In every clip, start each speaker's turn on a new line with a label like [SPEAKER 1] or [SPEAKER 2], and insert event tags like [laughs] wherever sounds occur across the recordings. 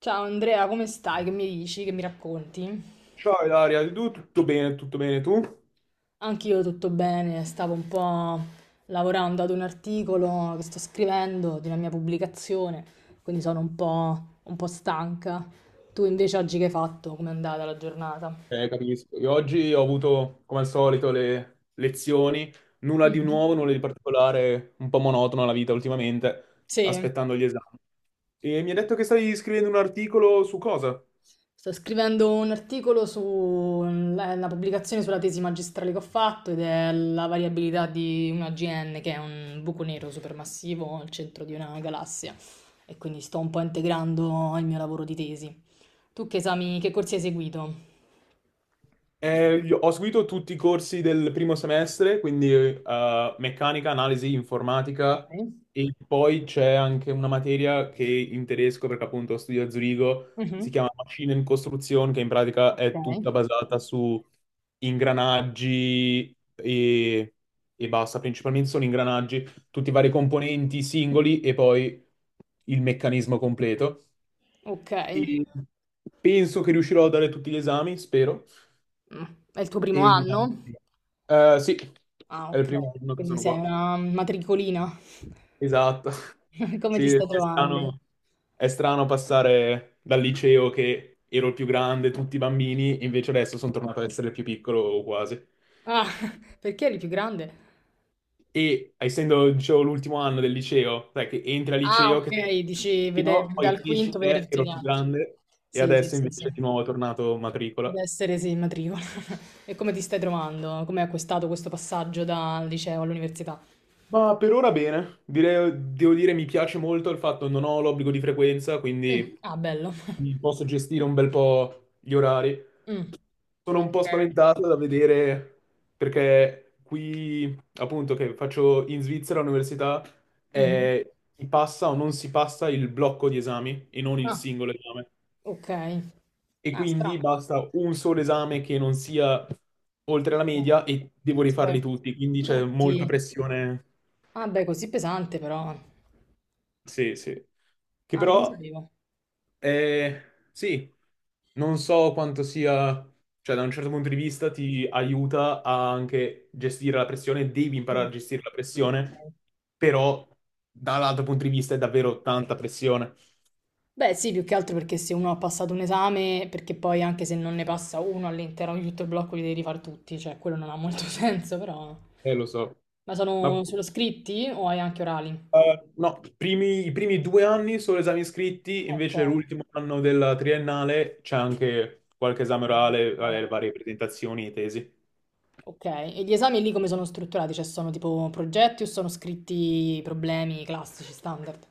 [SPEAKER 1] Ciao Andrea, come stai? Che mi dici? Che mi racconti?
[SPEAKER 2] Ciao Ilaria, tu tutto bene tu?
[SPEAKER 1] Anch'io tutto bene, stavo un po' lavorando ad un articolo che sto scrivendo di una mia pubblicazione, quindi sono un po' stanca. Tu invece oggi che hai fatto? Com'è andata la giornata?
[SPEAKER 2] Capisco. Io oggi ho avuto, come al solito, le lezioni, nulla di
[SPEAKER 1] Mhm.
[SPEAKER 2] nuovo, nulla di particolare, un po' monotona la vita ultimamente,
[SPEAKER 1] Sì.
[SPEAKER 2] aspettando gli esami. E mi ha detto che stai scrivendo un articolo su cosa?
[SPEAKER 1] Sto scrivendo un articolo sulla pubblicazione sulla tesi magistrale che ho fatto ed è la variabilità di un AGN, che è un buco nero supermassivo al centro di una galassia. E quindi sto un po' integrando il mio lavoro di tesi. Tu che esami, che corsi hai seguito?
[SPEAKER 2] Io ho seguito tutti i corsi del primo semestre, quindi meccanica, analisi, informatica
[SPEAKER 1] Ok.
[SPEAKER 2] e poi c'è anche una materia che in tedesco, perché appunto studio a Zurigo, si
[SPEAKER 1] Mhm.
[SPEAKER 2] chiama Maschinen Konstruktion, che in pratica
[SPEAKER 1] Ok.
[SPEAKER 2] è tutta basata su ingranaggi e basta, principalmente sono ingranaggi, tutti i vari componenti singoli e poi il meccanismo completo.
[SPEAKER 1] Ok.
[SPEAKER 2] E penso che riuscirò a dare tutti gli esami, spero.
[SPEAKER 1] Mm. È il tuo primo
[SPEAKER 2] Evita.
[SPEAKER 1] anno?
[SPEAKER 2] Sì,
[SPEAKER 1] Ah,
[SPEAKER 2] è il
[SPEAKER 1] ok.
[SPEAKER 2] primo anno che
[SPEAKER 1] Quindi
[SPEAKER 2] sono
[SPEAKER 1] sei
[SPEAKER 2] qua.
[SPEAKER 1] una matricolina.
[SPEAKER 2] Esatto. [laughs]
[SPEAKER 1] [laughs] Come ti
[SPEAKER 2] Sì,
[SPEAKER 1] stai trovando?
[SPEAKER 2] è strano passare dal liceo che ero il più grande, tutti i bambini, e invece adesso sono tornato ad essere il più piccolo o quasi.
[SPEAKER 1] Ah, [laughs] perché eri più grande?
[SPEAKER 2] E essendo, dicevo, l'ultimo anno del liceo, sai che entri al
[SPEAKER 1] Ah,
[SPEAKER 2] liceo,
[SPEAKER 1] ok,
[SPEAKER 2] che
[SPEAKER 1] dici
[SPEAKER 2] sei no, poi
[SPEAKER 1] dal
[SPEAKER 2] cresci,
[SPEAKER 1] quinto vedere tutti
[SPEAKER 2] ero
[SPEAKER 1] gli
[SPEAKER 2] il più
[SPEAKER 1] altri.
[SPEAKER 2] grande, e
[SPEAKER 1] Sì, sì,
[SPEAKER 2] adesso
[SPEAKER 1] sì, sì.
[SPEAKER 2] invece
[SPEAKER 1] Ad
[SPEAKER 2] di nuovo è tornato matricola.
[SPEAKER 1] essere, sì, in matricola. [laughs] E come ti stai trovando? Come hai acquistato questo passaggio dal liceo all'università?
[SPEAKER 2] Ma per ora bene. Devo dire mi piace molto il fatto che non ho l'obbligo di frequenza,
[SPEAKER 1] Mm.
[SPEAKER 2] quindi
[SPEAKER 1] Ah, bello.
[SPEAKER 2] mi posso gestire un bel po' gli orari.
[SPEAKER 1] Mm.
[SPEAKER 2] Sono un po'
[SPEAKER 1] Ok.
[SPEAKER 2] spaventato da vedere perché qui, appunto, che faccio in Svizzera all'università,
[SPEAKER 1] Mhm.
[SPEAKER 2] si passa o non si passa il blocco di esami e non il
[SPEAKER 1] Ah,
[SPEAKER 2] singolo esame.
[SPEAKER 1] ok.
[SPEAKER 2] E
[SPEAKER 1] Ah,
[SPEAKER 2] quindi
[SPEAKER 1] strano.
[SPEAKER 2] basta un solo esame che non sia oltre la
[SPEAKER 1] Strano.
[SPEAKER 2] media e devo
[SPEAKER 1] Sì, beh.
[SPEAKER 2] rifarli tutti, quindi c'è molta
[SPEAKER 1] Tutti.
[SPEAKER 2] pressione.
[SPEAKER 1] Ah, beh, così pesante però.
[SPEAKER 2] Sì, sì. Che
[SPEAKER 1] Ah, non lo
[SPEAKER 2] però,
[SPEAKER 1] sapevo.
[SPEAKER 2] eh, sì, non so quanto sia, cioè da un certo punto di vista ti aiuta a anche gestire la pressione, devi imparare
[SPEAKER 1] Mm.
[SPEAKER 2] a gestire la pressione,
[SPEAKER 1] Ok.
[SPEAKER 2] però dall'altro punto di vista è davvero tanta pressione,
[SPEAKER 1] Beh, sì, più che altro perché se uno ha passato un esame, perché poi anche se non ne passa uno all'interno di tutto il blocco li devi rifare tutti, cioè quello non ha molto [laughs] senso, però.
[SPEAKER 2] lo so.
[SPEAKER 1] Ma
[SPEAKER 2] Ma
[SPEAKER 1] sono solo scritti o hai anche orali?
[SPEAKER 2] no, i primi 2 anni solo esami scritti,
[SPEAKER 1] Ok.
[SPEAKER 2] invece l'ultimo anno della triennale c'è anche qualche esame orale, vabbè, le varie presentazioni e tesi.
[SPEAKER 1] Ok, e gli esami lì come sono strutturati? Cioè sono tipo progetti o sono scritti problemi classici, standard?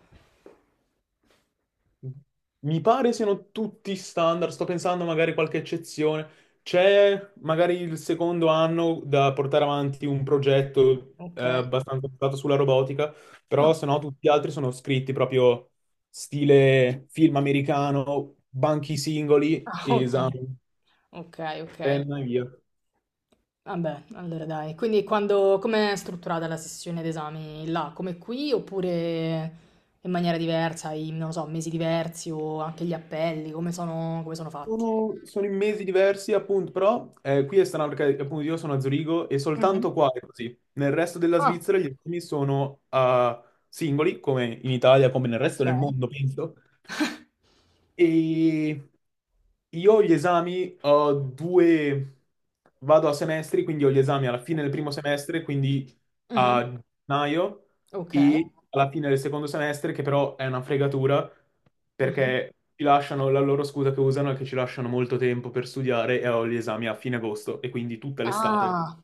[SPEAKER 2] Mi pare siano tutti standard, sto pensando magari qualche eccezione. C'è magari il secondo anno da portare avanti un progetto
[SPEAKER 1] Ok.
[SPEAKER 2] abbastanza basato sulla robotica, però
[SPEAKER 1] Ah,
[SPEAKER 2] se no tutti gli altri sono scritti proprio stile film americano, banchi singoli,
[SPEAKER 1] ah, ok,
[SPEAKER 2] esame,
[SPEAKER 1] ok, ok.
[SPEAKER 2] penna e via.
[SPEAKER 1] Vabbè, allora dai. Quindi quando, com'è strutturata la sessione d'esami là? Come qui oppure in maniera diversa, hai, non lo so, mesi diversi o anche gli appelli, come sono fatti?
[SPEAKER 2] Sono in mesi diversi, appunto, però qui è strano perché appunto io sono a Zurigo e soltanto
[SPEAKER 1] Mhm.
[SPEAKER 2] qua è così. Nel resto della
[SPEAKER 1] Ah,
[SPEAKER 2] Svizzera gli esami sono a singoli, come in Italia, come nel resto
[SPEAKER 1] ok.
[SPEAKER 2] del mondo, penso. E io gli esami ho due, vado a semestri, quindi ho gli esami alla fine del primo semestre, quindi
[SPEAKER 1] Mhm.
[SPEAKER 2] a gennaio,
[SPEAKER 1] Ok.
[SPEAKER 2] e alla fine del secondo semestre, che però è una fregatura,
[SPEAKER 1] Mhm.
[SPEAKER 2] perché ci lasciano la loro scusa che usano è che ci lasciano molto tempo per studiare e ho gli esami a fine agosto, e quindi tutta l'estate
[SPEAKER 1] Ah,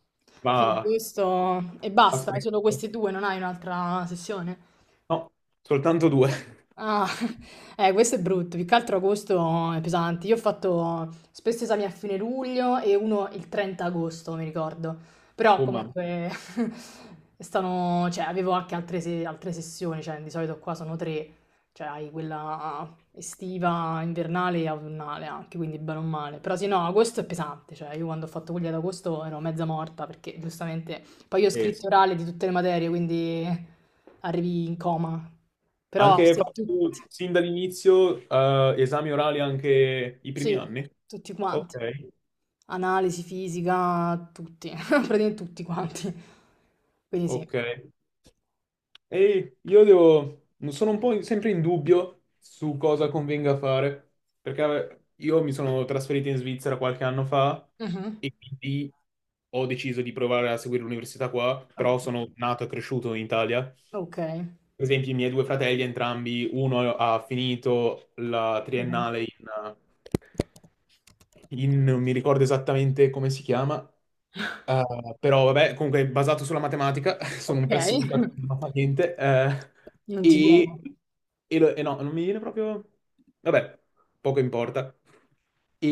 [SPEAKER 1] fino a
[SPEAKER 2] va
[SPEAKER 1] questo e
[SPEAKER 2] a
[SPEAKER 1] basta,
[SPEAKER 2] sprecare.
[SPEAKER 1] solo questi due, non hai un'altra sessione?
[SPEAKER 2] No, soltanto due. [laughs]
[SPEAKER 1] Ah, [laughs] questo è brutto, più che altro agosto è pesante. Io ho fatto spesso esami a fine luglio e uno il 30 agosto, mi ricordo. Però
[SPEAKER 2] Oh mamma.
[SPEAKER 1] comunque [laughs] stanno, cioè, avevo anche altre, altre sessioni, cioè di solito qua sono tre, cioè hai quella estiva, invernale e autunnale anche, quindi bene o male. Però sì, no, agosto è pesante, cioè io quando ho fatto quelli ad agosto ero mezza morta perché giustamente poi io ho
[SPEAKER 2] Sì.
[SPEAKER 1] scritti orali di tutte le materie, quindi arrivi in coma. Però
[SPEAKER 2] Anche hai
[SPEAKER 1] se tutti,
[SPEAKER 2] fatto sin dall'inizio esami orali anche i primi
[SPEAKER 1] sì,
[SPEAKER 2] anni?
[SPEAKER 1] tutti quanti.
[SPEAKER 2] Ok,
[SPEAKER 1] Analisi, fisica, tutti, [laughs] praticamente tutti quanti. Quindi sì.
[SPEAKER 2] ok. E io devo, sono un po' sempre in dubbio su cosa convenga fare, perché io mi sono trasferito in Svizzera qualche anno fa
[SPEAKER 1] Mhm.
[SPEAKER 2] e quindi ho deciso di provare a seguire l'università qua,
[SPEAKER 1] Oh.
[SPEAKER 2] però sono nato e cresciuto in Italia.
[SPEAKER 1] Ok.
[SPEAKER 2] Per esempio, i miei due fratelli, entrambi, uno ha finito la
[SPEAKER 1] Mhm.
[SPEAKER 2] triennale in, non mi ricordo esattamente come si chiama, però vabbè, comunque è basato sulla matematica, [laughs] sono
[SPEAKER 1] Ok.
[SPEAKER 2] un pessimo datore,
[SPEAKER 1] [laughs]
[SPEAKER 2] non fa niente,
[SPEAKER 1] Non ti viene.
[SPEAKER 2] e, e no, non mi viene proprio... Vabbè, poco importa. E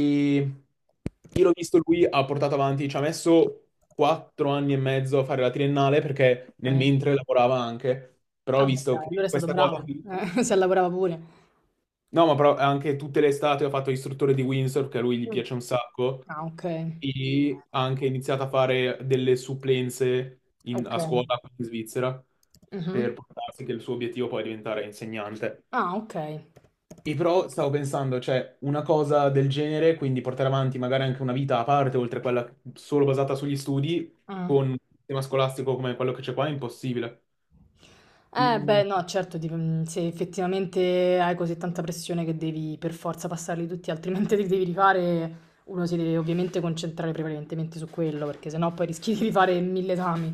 [SPEAKER 2] io l'ho visto, lui ha portato avanti, ci ha messo 4 anni e mezzo a fare la triennale perché nel
[SPEAKER 1] Eh.
[SPEAKER 2] mentre lavorava anche, però ho
[SPEAKER 1] Vabbè,
[SPEAKER 2] visto
[SPEAKER 1] dai, allora
[SPEAKER 2] che
[SPEAKER 1] è stato
[SPEAKER 2] questa cosa
[SPEAKER 1] bravo.
[SPEAKER 2] qui.
[SPEAKER 1] [laughs] Si lavorava pure.
[SPEAKER 2] No, ma però anche tutte le estate ha fatto istruttore di Windsor, che a lui gli
[SPEAKER 1] Mm.
[SPEAKER 2] piace un sacco,
[SPEAKER 1] Ah, ok.
[SPEAKER 2] e ha anche iniziato a fare delle supplenze a
[SPEAKER 1] Ok.
[SPEAKER 2] scuola qui in Svizzera
[SPEAKER 1] Mhm.
[SPEAKER 2] per portarsi che il suo obiettivo poi è diventare insegnante.
[SPEAKER 1] Ah, ok.
[SPEAKER 2] E però stavo pensando, cioè, una cosa del genere, quindi portare avanti magari anche una vita a parte, oltre a quella solo basata sugli studi,
[SPEAKER 1] Ah.
[SPEAKER 2] con un sistema scolastico come quello che c'è qua, è impossibile.
[SPEAKER 1] Beh, no, certo, mm, se effettivamente hai così tanta pressione che devi per forza passarli tutti, altrimenti [laughs] li devi rifare, uno si deve ovviamente concentrare prevalentemente su quello, perché sennò poi rischi di rifare mille esami.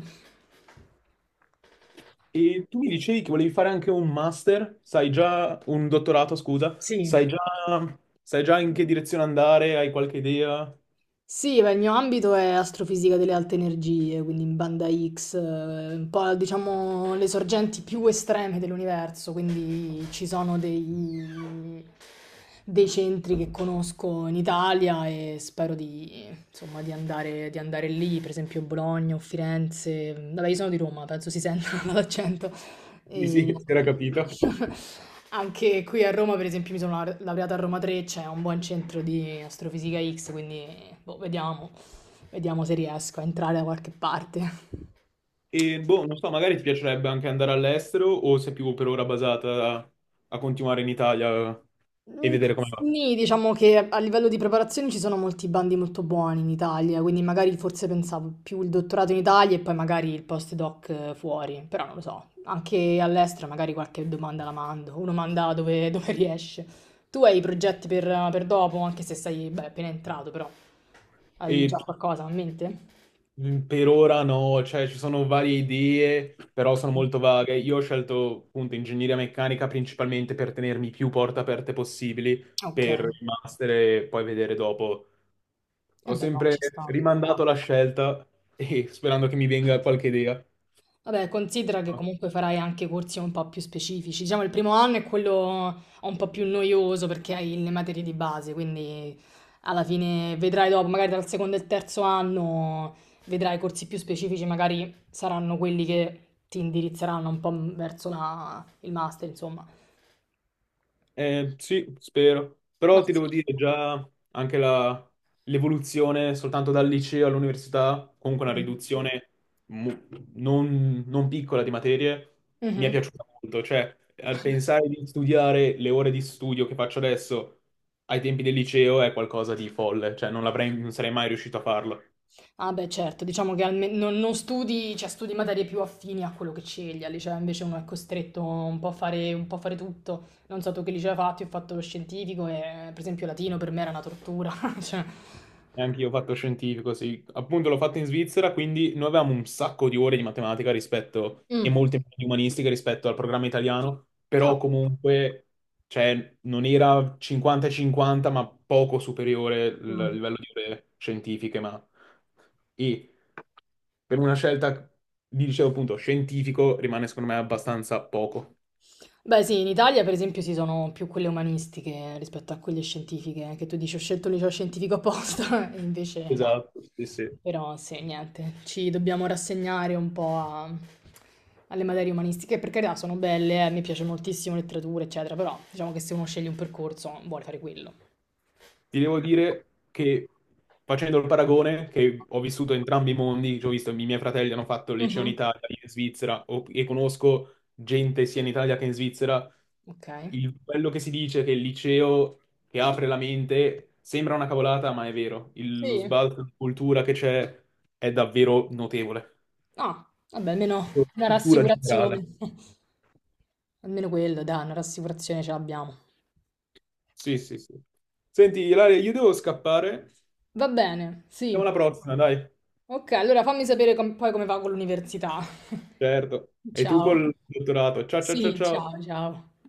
[SPEAKER 2] E tu mi dicevi che volevi fare anche un master, sai già, un dottorato, scusa, sai
[SPEAKER 1] Sì.
[SPEAKER 2] già, sai già in che direzione andare, hai qualche idea?
[SPEAKER 1] Sì, beh, il mio ambito è astrofisica delle alte energie, quindi in banda X, un po' diciamo le sorgenti più estreme dell'universo, quindi ci sono dei centri che conosco in Italia e spero di, insomma, di andare lì, per esempio Bologna o Firenze. Vabbè, io sono di Roma, penso si senta [laughs] dall'accento.
[SPEAKER 2] Sì, sì,
[SPEAKER 1] E
[SPEAKER 2] [laughs] si era capito.
[SPEAKER 1] [laughs] anche qui a Roma, per esempio, mi sono laureata a Roma 3, c'è un buon centro di Astrofisica X, quindi boh, vediamo se riesco a entrare da qualche parte.
[SPEAKER 2] E boh, non so, magari ti piacerebbe anche andare all'estero o sei più per ora basata a, a continuare in Italia e
[SPEAKER 1] Mm.
[SPEAKER 2] vedere come va.
[SPEAKER 1] Sì, diciamo che a livello di preparazione ci sono molti bandi molto buoni in Italia, quindi magari forse pensavo più il dottorato in Italia e poi magari il postdoc fuori, però non lo so, anche all'estero magari qualche domanda la mando, uno manda dove, [laughs] dove riesce. Tu hai progetti per dopo, anche se sei, beh, appena entrato, però hai
[SPEAKER 2] E
[SPEAKER 1] già qualcosa in mente?
[SPEAKER 2] Per ora no, cioè ci sono varie idee, però sono molto vaghe. Io ho scelto appunto ingegneria meccanica principalmente per tenermi più porte aperte possibili
[SPEAKER 1] Ok, eh
[SPEAKER 2] per il master e poi vedere dopo. Ho
[SPEAKER 1] beh no,
[SPEAKER 2] sempre
[SPEAKER 1] ci sta.
[SPEAKER 2] rimandato la scelta e sperando che mi venga qualche idea.
[SPEAKER 1] Vabbè, considera che comunque farai anche corsi un po' più specifici. Diciamo, il primo anno è quello un po' più noioso perché hai le materie di base, quindi alla fine vedrai dopo, magari dal secondo e il terzo anno vedrai corsi più specifici, magari saranno quelli che ti indirizzeranno un po' verso la- il master, insomma.
[SPEAKER 2] Sì, spero.
[SPEAKER 1] Ma
[SPEAKER 2] Però ti
[SPEAKER 1] sì.
[SPEAKER 2] devo dire già anche l'evoluzione soltanto dal liceo all'università, comunque una
[SPEAKER 1] Mhm.
[SPEAKER 2] riduzione mu- non piccola di materie, mi è
[SPEAKER 1] Mhm.
[SPEAKER 2] piaciuta molto. Cioè, al pensare di studiare le ore di studio che faccio adesso ai tempi del liceo è qualcosa di folle. Cioè, non sarei mai riuscito a farlo.
[SPEAKER 1] Ah beh, certo, diciamo che non studi, cioè studi materie più affini a quello che scegli, al liceo invece uno è costretto un po' a fare, un po' a fare tutto. Non so tu che liceo hai fatto, io ho fatto lo scientifico e per esempio latino per me era una tortura. [laughs] Cioè,
[SPEAKER 2] Neanche io ho fatto scientifico, sì. Appunto l'ho fatto in Svizzera, quindi noi avevamo un sacco di ore di matematica rispetto, e
[SPEAKER 1] mm.
[SPEAKER 2] molte meno di umanistica rispetto al programma italiano,
[SPEAKER 1] Ah.
[SPEAKER 2] però comunque, cioè, non era 50-50, ma poco superiore il
[SPEAKER 1] Mm.
[SPEAKER 2] livello di ore scientifiche, ma... E per una scelta, vi dicevo appunto, scientifico, rimane secondo me abbastanza poco.
[SPEAKER 1] Beh, sì, in Italia per esempio ci sono più quelle umanistiche rispetto a quelle scientifiche, che tu dici ho scelto il liceo scientifico apposta, [laughs] e invece no.
[SPEAKER 2] Esatto, sì, sì.
[SPEAKER 1] Però sì, niente, ci dobbiamo rassegnare un po' a- alle materie umanistiche, per carità sono belle, mi piace moltissimo letteratura, eccetera, però diciamo che se uno sceglie un percorso vuole fare quello.
[SPEAKER 2] Ti devo dire che facendo il paragone, che ho vissuto entrambi i mondi, cioè ho visto i miei fratelli hanno fatto il liceo in
[SPEAKER 1] Mhm.
[SPEAKER 2] Italia, io in Svizzera, e conosco gente sia in Italia che in Svizzera,
[SPEAKER 1] Ok?
[SPEAKER 2] quello che si dice che il liceo che apre la mente sembra una cavolata, ma è vero. Lo
[SPEAKER 1] Sì.
[SPEAKER 2] sbalzo di cultura che c'è è davvero notevole.
[SPEAKER 1] Ah, vabbè, almeno una
[SPEAKER 2] Cultura generale.
[SPEAKER 1] rassicurazione. [laughs] Almeno quello, dai, una rassicurazione ce l'abbiamo.
[SPEAKER 2] Sì, sì, sì. Senti, Ilaria, io devo scappare.
[SPEAKER 1] Va bene,
[SPEAKER 2] Siamo alla
[SPEAKER 1] sì.
[SPEAKER 2] prossima, dai.
[SPEAKER 1] Ok, allora fammi sapere poi come va con l'università.
[SPEAKER 2] Certo.
[SPEAKER 1] [laughs]
[SPEAKER 2] E tu
[SPEAKER 1] Ciao.
[SPEAKER 2] col dottorato. Ciao, ciao, ciao,
[SPEAKER 1] Sì,
[SPEAKER 2] ciao.
[SPEAKER 1] ciao, ciao.